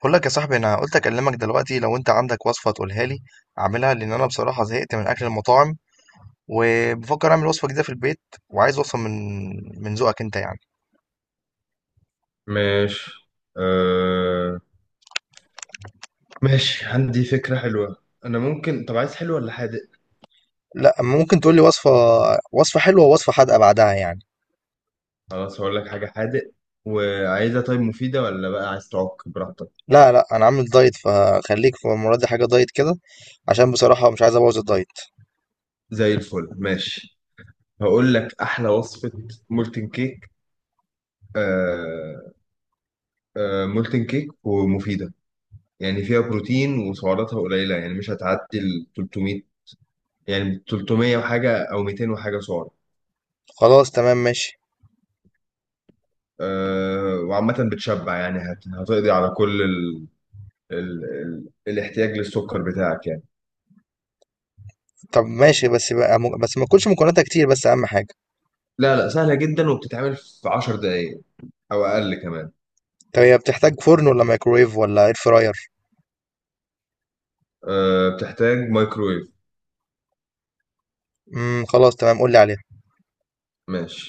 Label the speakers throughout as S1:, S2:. S1: بقول لك يا صاحبي، انا قلت اكلمك دلوقتي لو انت عندك وصفه تقولها لي اعملها، لان انا بصراحه زهقت من اكل المطاعم، وبفكر اعمل وصفه جديده في البيت، وعايز وصفه من ذوقك انت يعني.
S2: ماشي. أه... ماشي، عندي فكرة حلوة. أنا ممكن، طب عايز حلو ولا حادق؟
S1: لا، ممكن تقول لي وصفه حلوه ووصفه حادقه بعدها يعني.
S2: خلاص، هقول لك حاجة حادق. وعايزها طيب مفيدة، ولا بقى عايز تعك براحتك؟
S1: لا، لا، انا عامل دايت، فخليك في المره دي حاجه دايت كده، عشان بصراحه مش عايز ابوظ الدايت.
S2: زي الفل. ماشي، هقول لك أحلى وصفة: مولتن كيك. أه... مولتن كيك ومفيدة. يعني فيها بروتين وسعراتها قليلة، يعني مش هتعدي ال 300، يعني 300 وحاجة أو 200 وحاجة سعر.
S1: خلاص تمام ماشي.
S2: وعامة بتشبع، يعني هتقضي على كل الاحتياج للسكر بتاعك يعني.
S1: طب ماشي، بس بقى بس ما تكونش مكوناتها كتير، بس اهم حاجه.
S2: لا، لا، سهلة جدا وبتتعمل في 10 دقايق أو أقل كمان.
S1: طب هي بتحتاج فرن ولا مايكرويف ولا اير فراير؟
S2: أه، بتحتاج مايكرويف.
S1: خلاص تمام، قول لي عليها.
S2: ماشي.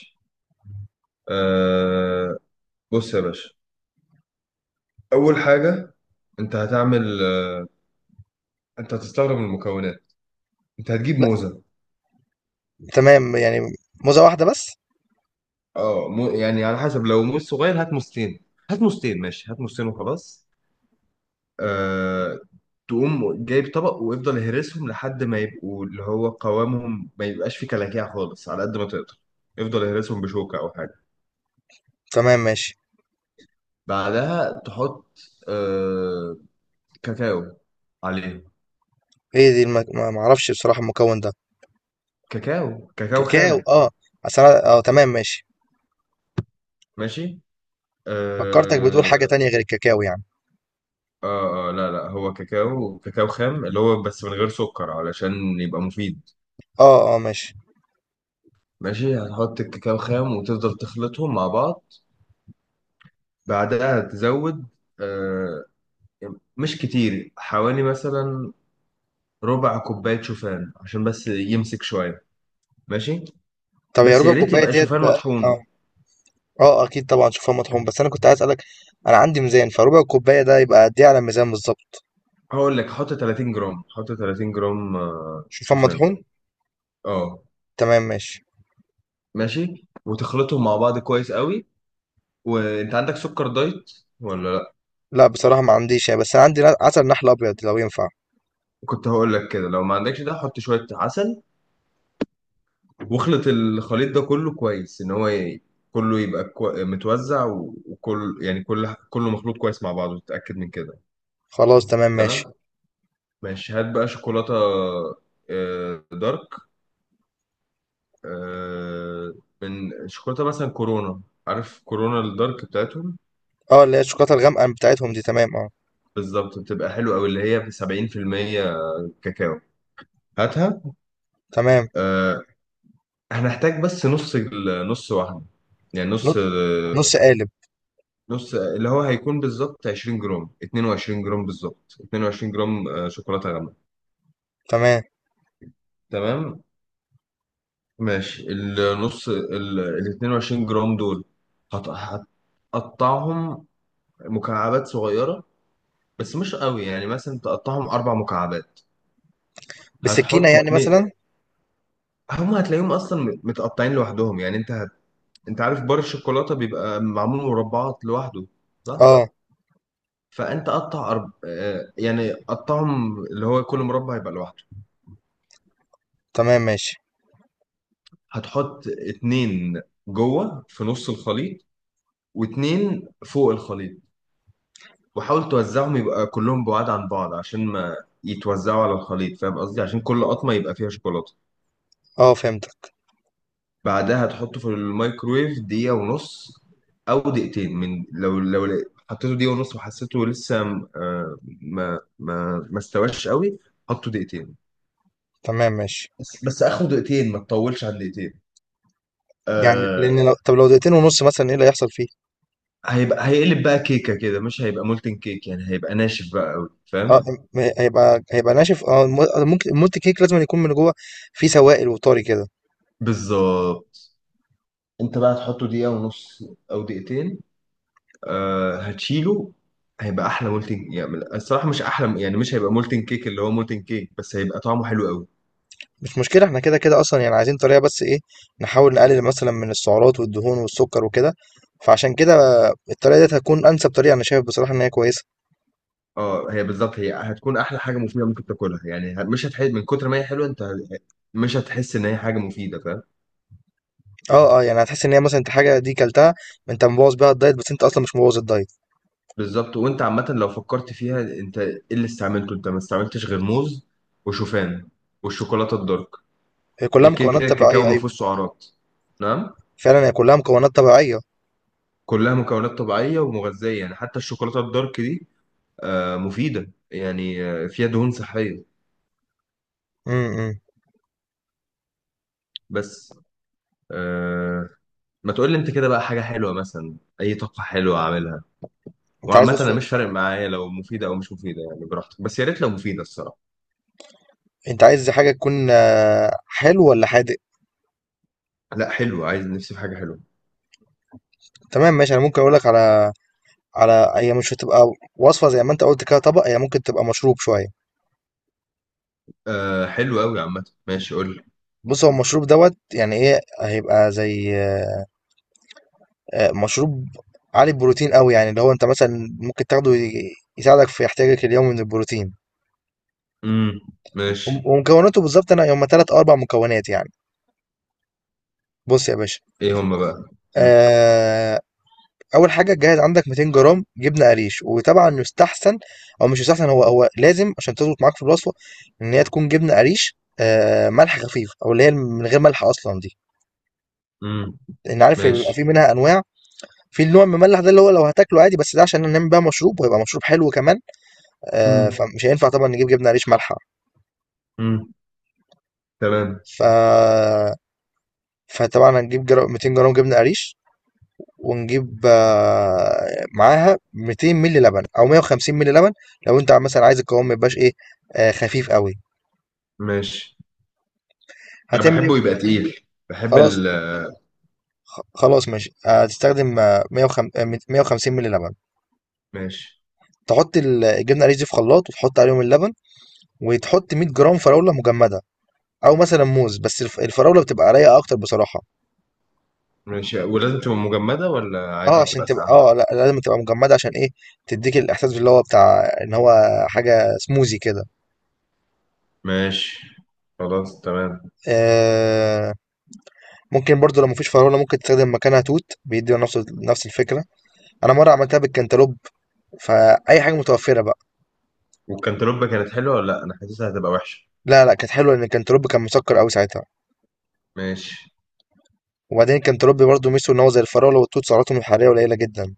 S2: أه بص يا باشا، أول حاجة أنت هتعمل. أنت هتستغرب من المكونات. أنت هتجيب موزة.
S1: تمام، يعني موزة واحدة بس؟
S2: يعني على حسب، لو موز صغير هات موزتين. هات موزتين، ماشي، هات موزتين وخلاص. آه، تقوم جايب طبق، ويفضل يهرسهم لحد ما يبقوا اللي هو قوامهم، ما يبقاش فيه كلاكيع خالص على قد ما تقدر. يفضل يهرسهم بشوكة أو حاجة.
S1: تمام ماشي.
S2: بعدها تحط آه، كاكاو عليه.
S1: ايه دي ما اعرفش بصراحة المكون ده؟
S2: كاكاو، كاكاو
S1: كاكاو،
S2: خام.
S1: اه. تمام ماشي.
S2: ماشي.
S1: فكرتك بتقول
S2: آه,
S1: حاجة تانية غير الكاكاو يعني؟
S2: لا، لا، هو كاكاو، كاكاو خام، اللي هو بس من غير سكر علشان يبقى مفيد.
S1: اه، اه، ماشي.
S2: ماشي، هتحط الكاكاو خام وتفضل تخلطهم مع بعض. بعدها تزود آه، مش كتير، حوالي مثلا ربع كوباية شوفان عشان بس يمسك شوية. ماشي،
S1: طب، يا
S2: بس
S1: ربع
S2: يا ريت
S1: كوباية
S2: يبقى
S1: ديت؟
S2: شوفان
S1: اه.
S2: مطحون.
S1: اه. آه، اكيد طبعا شوفان مطحون، بس انا كنت عايز اسألك. انا عندي ميزان، فربع كوباية ده يبقى قد ايه على الميزان بالظبط؟
S2: هقول لك حط 30 جرام، حط 30 جرام
S1: شوفان
S2: شوفان.
S1: مطحون.
S2: اه،
S1: تمام ماشي.
S2: ماشي، وتخلطهم مع بعض كويس قوي. وانت عندك سكر دايت ولا لا؟
S1: لا، بصراحة ما عنديش يعني، بس انا عندي عسل نحل ابيض لو ينفع.
S2: كنت هقول لك كده، لو ما عندكش ده حط شوية عسل. واخلط الخليط ده كله كويس، ان هو كله يبقى متوزع وكل، يعني كله مخلوط كويس مع بعضه، تتأكد من كده.
S1: خلاص تمام ماشي.
S2: تمام. ماشي، هات بقى شوكولاتة دارك، آه، من شوكولاتة مثلا كورونا. عارف كورونا الدارك بتاعتهم؟
S1: اه، اللي هي الشوكولاتة الغامقة بتاعتهم دي؟ تمام، اه.
S2: بالظبط، بتبقى حلوة أوي، اللي هي 70% كاكاو. هاتها.
S1: تمام.
S2: آه، هنحتاج بس نص نص واحدة، يعني
S1: نص،
S2: نص.
S1: نص قالب.
S2: نص اللي هو هيكون بالظبط 20 جرام، 22 جرام، بالظبط 22 جرام شوكولاتة غامقة.
S1: تمام.
S2: تمام. ماشي، النص ال 22 جرام دول هت- هتقطعهم مكعبات صغيرة، بس مش قوي، يعني مثلا تقطعهم أربع مكعبات.
S1: بالسكينة،
S2: هتحط
S1: يعني
S2: اتنين،
S1: مثلا؟
S2: هما هتلاقيهم أصلا متقطعين لوحدهم، يعني أنت عارف بار الشوكولاتة بيبقى معمول مربعات لوحده، صح؟
S1: اه،
S2: فأنت قطع أرب... آه، يعني قطعهم اللي هو كل مربع يبقى لوحده.
S1: تمام ماشي.
S2: هتحط اتنين جوه في نص الخليط، واتنين فوق الخليط، وحاول توزعهم يبقى كلهم بعاد عن بعض عشان ما يتوزعوا على الخليط، فاهم قصدي؟ عشان كل قطمة يبقى فيها شوكولاتة.
S1: اه، فهمتك.
S2: بعدها تحطه في الميكرويف دقيقة ونص أو دقيقتين. من حطيته دقيقة ونص وحسيته لسه ما استواش قوي، حطه دقيقتين.
S1: تمام ماشي.
S2: بس آخره دقيقتين، ما تطولش عن دقيقتين.
S1: يعني
S2: آه
S1: لان لو دقيقتين ونص مثلا ايه اللي هيحصل فيه؟
S2: هيبقى هيقلب بقى كيكة كده، مش هيبقى مولتن كيك، يعني هيبقى ناشف بقى قوي،
S1: اه.
S2: فاهم؟
S1: هيبقى ناشف، اه، ممكن المولت كيك لازم يكون من جوه، فيه سوائل وطري كده.
S2: بالظبط. انت بقى تحطه دقيقة ونص أو دقيقتين، هتشيله. هيبقى احلى مولتن، يعني الصراحه مش احلى، يعني مش هيبقى مولتن كيك اللي هو مولتن كيك، بس هيبقى طعمه حلو قوي.
S1: مش مشكلة، احنا كده كده اصلا، يعني عايزين طريقة بس ايه، نحاول نقلل مثلا من السعرات والدهون والسكر وكده. فعشان كده الطريقة دي هتكون انسب طريقة، انا شايف بصراحة ان هي كويسة.
S2: اه، هي بالظبط هي هتكون احلى حاجه مفيده ممكن تاكلها، يعني مش هتحس من كتر ما هي حلوه، انت مش هتحس ان هي حاجه مفيده، فاهم؟
S1: اه، اه، يعني هتحس ان هي مثلا انت حاجة دي كلتها، انت مبوظ بيها الدايت، بس انت اصلا مش مبوظ الدايت.
S2: بالظبط. وانت عامه لو فكرت فيها، انت ايه اللي استعملته؟ انت ما استعملتش غير موز وشوفان والشوكولاته الدارك.
S1: هي كلها
S2: كده كده
S1: مكونات
S2: الكاكاو
S1: طبيعية،
S2: ما
S1: ايوه.
S2: فيهوش سعرات. نعم.
S1: فعلًا هي كلّها مكونات طبيعية.
S2: كلها مكونات طبيعيه ومغذيه، يعني حتى الشوكولاته الدارك دي مفيده، يعني فيها دهون صحيه
S1: إمم، إمم.
S2: بس. آه ما تقول لي انت كده بقى حاجه حلوه، مثلا اي طاقه حلوه، اعملها.
S1: أنت عايز
S2: وعامة أنا
S1: وصفة؟
S2: مش فارق معايا لو مفيدة أو مش مفيدة، يعني براحتك، بس يا ريت لو مفيدة الصراحة.
S1: أنت عايز حاجة تكون حلو والّا حادق؟
S2: لا، حلو، عايز نفسي في حاجة حلوة.
S1: تمام ماشي، أنا ممكن أقول لك على هي مش هتبقى وصفة زي ما أنت قُلت كده طبق، هي ممكن تبقى مشروب شوية.
S2: آه حلو أوي، عامة ماشي، قول لي.
S1: بُص، هو المشروب دوّة يعني إيه، هيبقى زي مشروب عالي البروتين أوي، يعني اللي هو أنت مثلًا ممكن تاخده يساعدك في احتياجك اليومي من البروتين،
S2: امم
S1: وم
S2: ماشي.
S1: ومكوناته بالضبط أنا هُم 3 أو 4 مكونات يعني. بُص يا باشا،
S2: إيه هما بقى؟ امم
S1: آآ اول حاجه جهز عندك 200 جرام جبنه قريش، وطبعا يستحسن، او مش يستحسن، هو لازم عشان تظبط معاك في الوصفه ان هي تكون جبنه قريش ملح خفيف، او اللي هي من غير ملح اصلا دي،
S2: أمم،
S1: لان عارف بيبقى في
S2: ماشي.
S1: منها انواع، في النوع المملح ده اللي هو لو هتاكله عادي، بس ده عشان نعمل بقى مشروب، وهيبقى مشروب حلو كمان.
S2: امم
S1: فمش هينفع طبعا نجيب جبنه قريش مالحه.
S2: امم تمام.
S1: ف فطبعا هنجيب 200 جرام جبنه قريش، ونجيب معاها 200 مللي لبن او 150 مللي لبن، لو انت مثلا عايز القوام ما يبقاش ايه، خفيف قوي.
S2: ماشي. أنا
S1: هتعمل
S2: بحبه
S1: ايه؟
S2: يبقى تقيل، بحب
S1: خلاص، خلاص ماشي، هتستخدم 150 150 مللي لبن.
S2: ماشي.
S1: تحط الجبنه القريش دي في خلاط، وتحط عليهم اللبن، وتحط 100 جرام فراوله مجمده، او مثلا موز، بس الفراوله بتبقى رايقه اكتر بصراحه.
S2: ماشي، ولازم تبقى مجمدة ولا
S1: اه،
S2: عادي
S1: عشان
S2: تبقى
S1: تبقى،
S2: ساقعة؟
S1: لا، لازم تبقى مجمده، عشان ايه، تديك الاحساس اللي هو بتاع ان هو حاجه سموزي كده.
S2: ماشي، خلاص، تمام.
S1: آه. ممكن برضو لو مفيش فراولة ممكن تستخدم مكانها توت بيدي، نفس الفكرة. أنا مرة عملتها بالكنتالوب، فأي حاجة متوفرة بقى.
S2: والكنتالوبة كانت حلوة ولا لأ؟ أنا حاسسها هتبقى وحشة.
S1: لا، لا، كانت حلوة لأن الكنتالوب كان مسكر أوي ساعتها.
S2: ماشي.
S1: وبعدين الكنتالوب برضو ميزته إن هو زي الفراولة والتوت سعراتهم الحرارية قليلة جدا.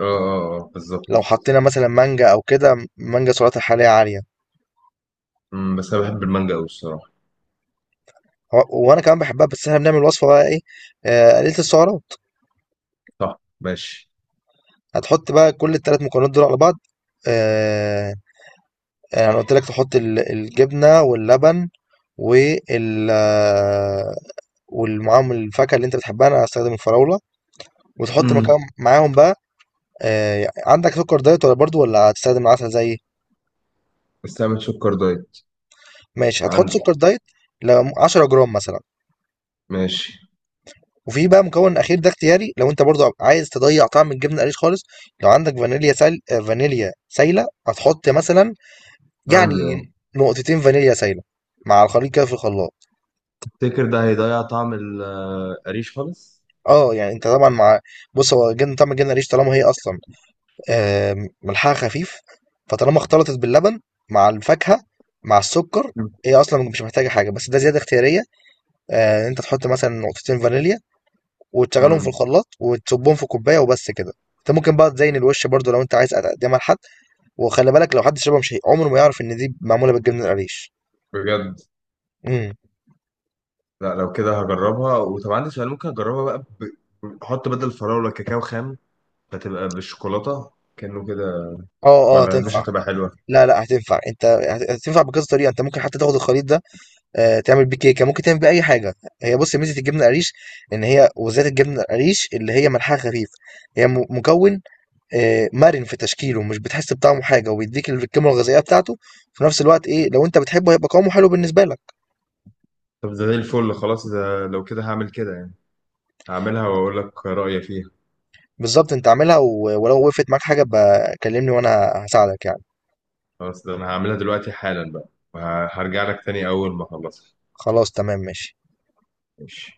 S2: اه، اه، اه، بالظبط.
S1: لو حطينا مثلا مانجا أو كده، مانجا سعراتها الحرارية عالية.
S2: بس أنا بحب المانجا أوي الصراحة.
S1: وأنا كمان بحبها، بس إحنا بنعمل وصفة بقى إيه، قليلة السعرات.
S2: صح. ماشي.
S1: هتحط بقى كل التلات مكونات دول على بعض، آه، أنا قلت لك تحط الجبنة واللبن، وال ومعاهم الفاكهه اللي انت بتحبها، انا هستخدم الفراوله، وتحط مكان
S2: امم
S1: معاهم بقى. عندك سكر دايت، ولا برضو ولا هتستخدم العسل زيي؟
S2: استعمل سكر دايت
S1: ماشي، هتحط
S2: عندي.
S1: سكر دايت، ل 10 جرام مثلا.
S2: ماشي.
S1: وفي بقى مكون اخير ده اختياري، لو انت برضو عايز تضيع طعم الجبنه القريش خالص، لو عندك فانيليا سال آه، فانيليا سايله هتحط مثلا، يعني
S2: عندي اهو.
S1: نقطتين فانيليا سايله، مع الخليط كده في الخلاط.
S2: تفتكر ده هيضيع طعم القريش خالص؟
S1: اه، يعني انت طبعا بص، هو جبنه، طعم الجبنه القريش طالما هي اصلا، آآ ملحها خفيف، فطالما اختلطت باللبن، مع الفاكهة، مع السكر،
S2: مم.
S1: هي أصلًا مش محتاجة حاجة، بس ده زيادة اختيارية، إن أنت تحط مثلًا نقطتين فانيليا، وتشغلهم في
S2: مم.
S1: الخلاط، وتصبهم في كوباية، وبس كده. أنت ممكن بقى تزين الوش برضه لو أنت عايز تقدمها لحد، وخلي بالك لو حد شربها مش هي عمره ما يعرف إن دي معمولة بالجبنة القريش.
S2: بجد؟
S1: إمم.
S2: لا، لو كده هجربها. وطب عندي سؤال، ممكن اجربها بقى احط بدل الفراولة كاكاو خام فتبقى بالشوكولاتة كأنه كده؟
S1: آه، آه،
S2: ولا مش
S1: هتنفع.
S2: هتبقى حلوة؟
S1: لا، لأ، هتنفع. أنت هتنفع بكذا طريقة، أنت ممكن حتى تاخد الخليط ده، تعمل بيه كيكه، ممكن تعمل بيه اي حاجه. هي، بص، ميزه الجبنه القريش ان هي، وذات الجبنه القريش اللي هي ملحها خفيف، هي مكون مرن في تشكيله، مش بتحس بطعمه حاجه، وبيديك القيمه الغذائيه بتاعته في نفس الوقت ايه، لو انت بتحبه هيبقى قوامه حلو بالنسبه لك.
S2: طب ده زي الفل، خلاص، ده لو كده هعمل كده يعني. هعملها واقول لك رأيي فيها.
S1: بالظبط انت عاملها، ولو وقفت معاك حاجه بقى كلمني، وانا هساعدك يعني.
S2: خلاص، ده انا هعملها دلوقتي حالا بقى، وهرجع لك تاني اول ما اخلصها.
S1: خلاص تمام ماشي.
S2: ماشي.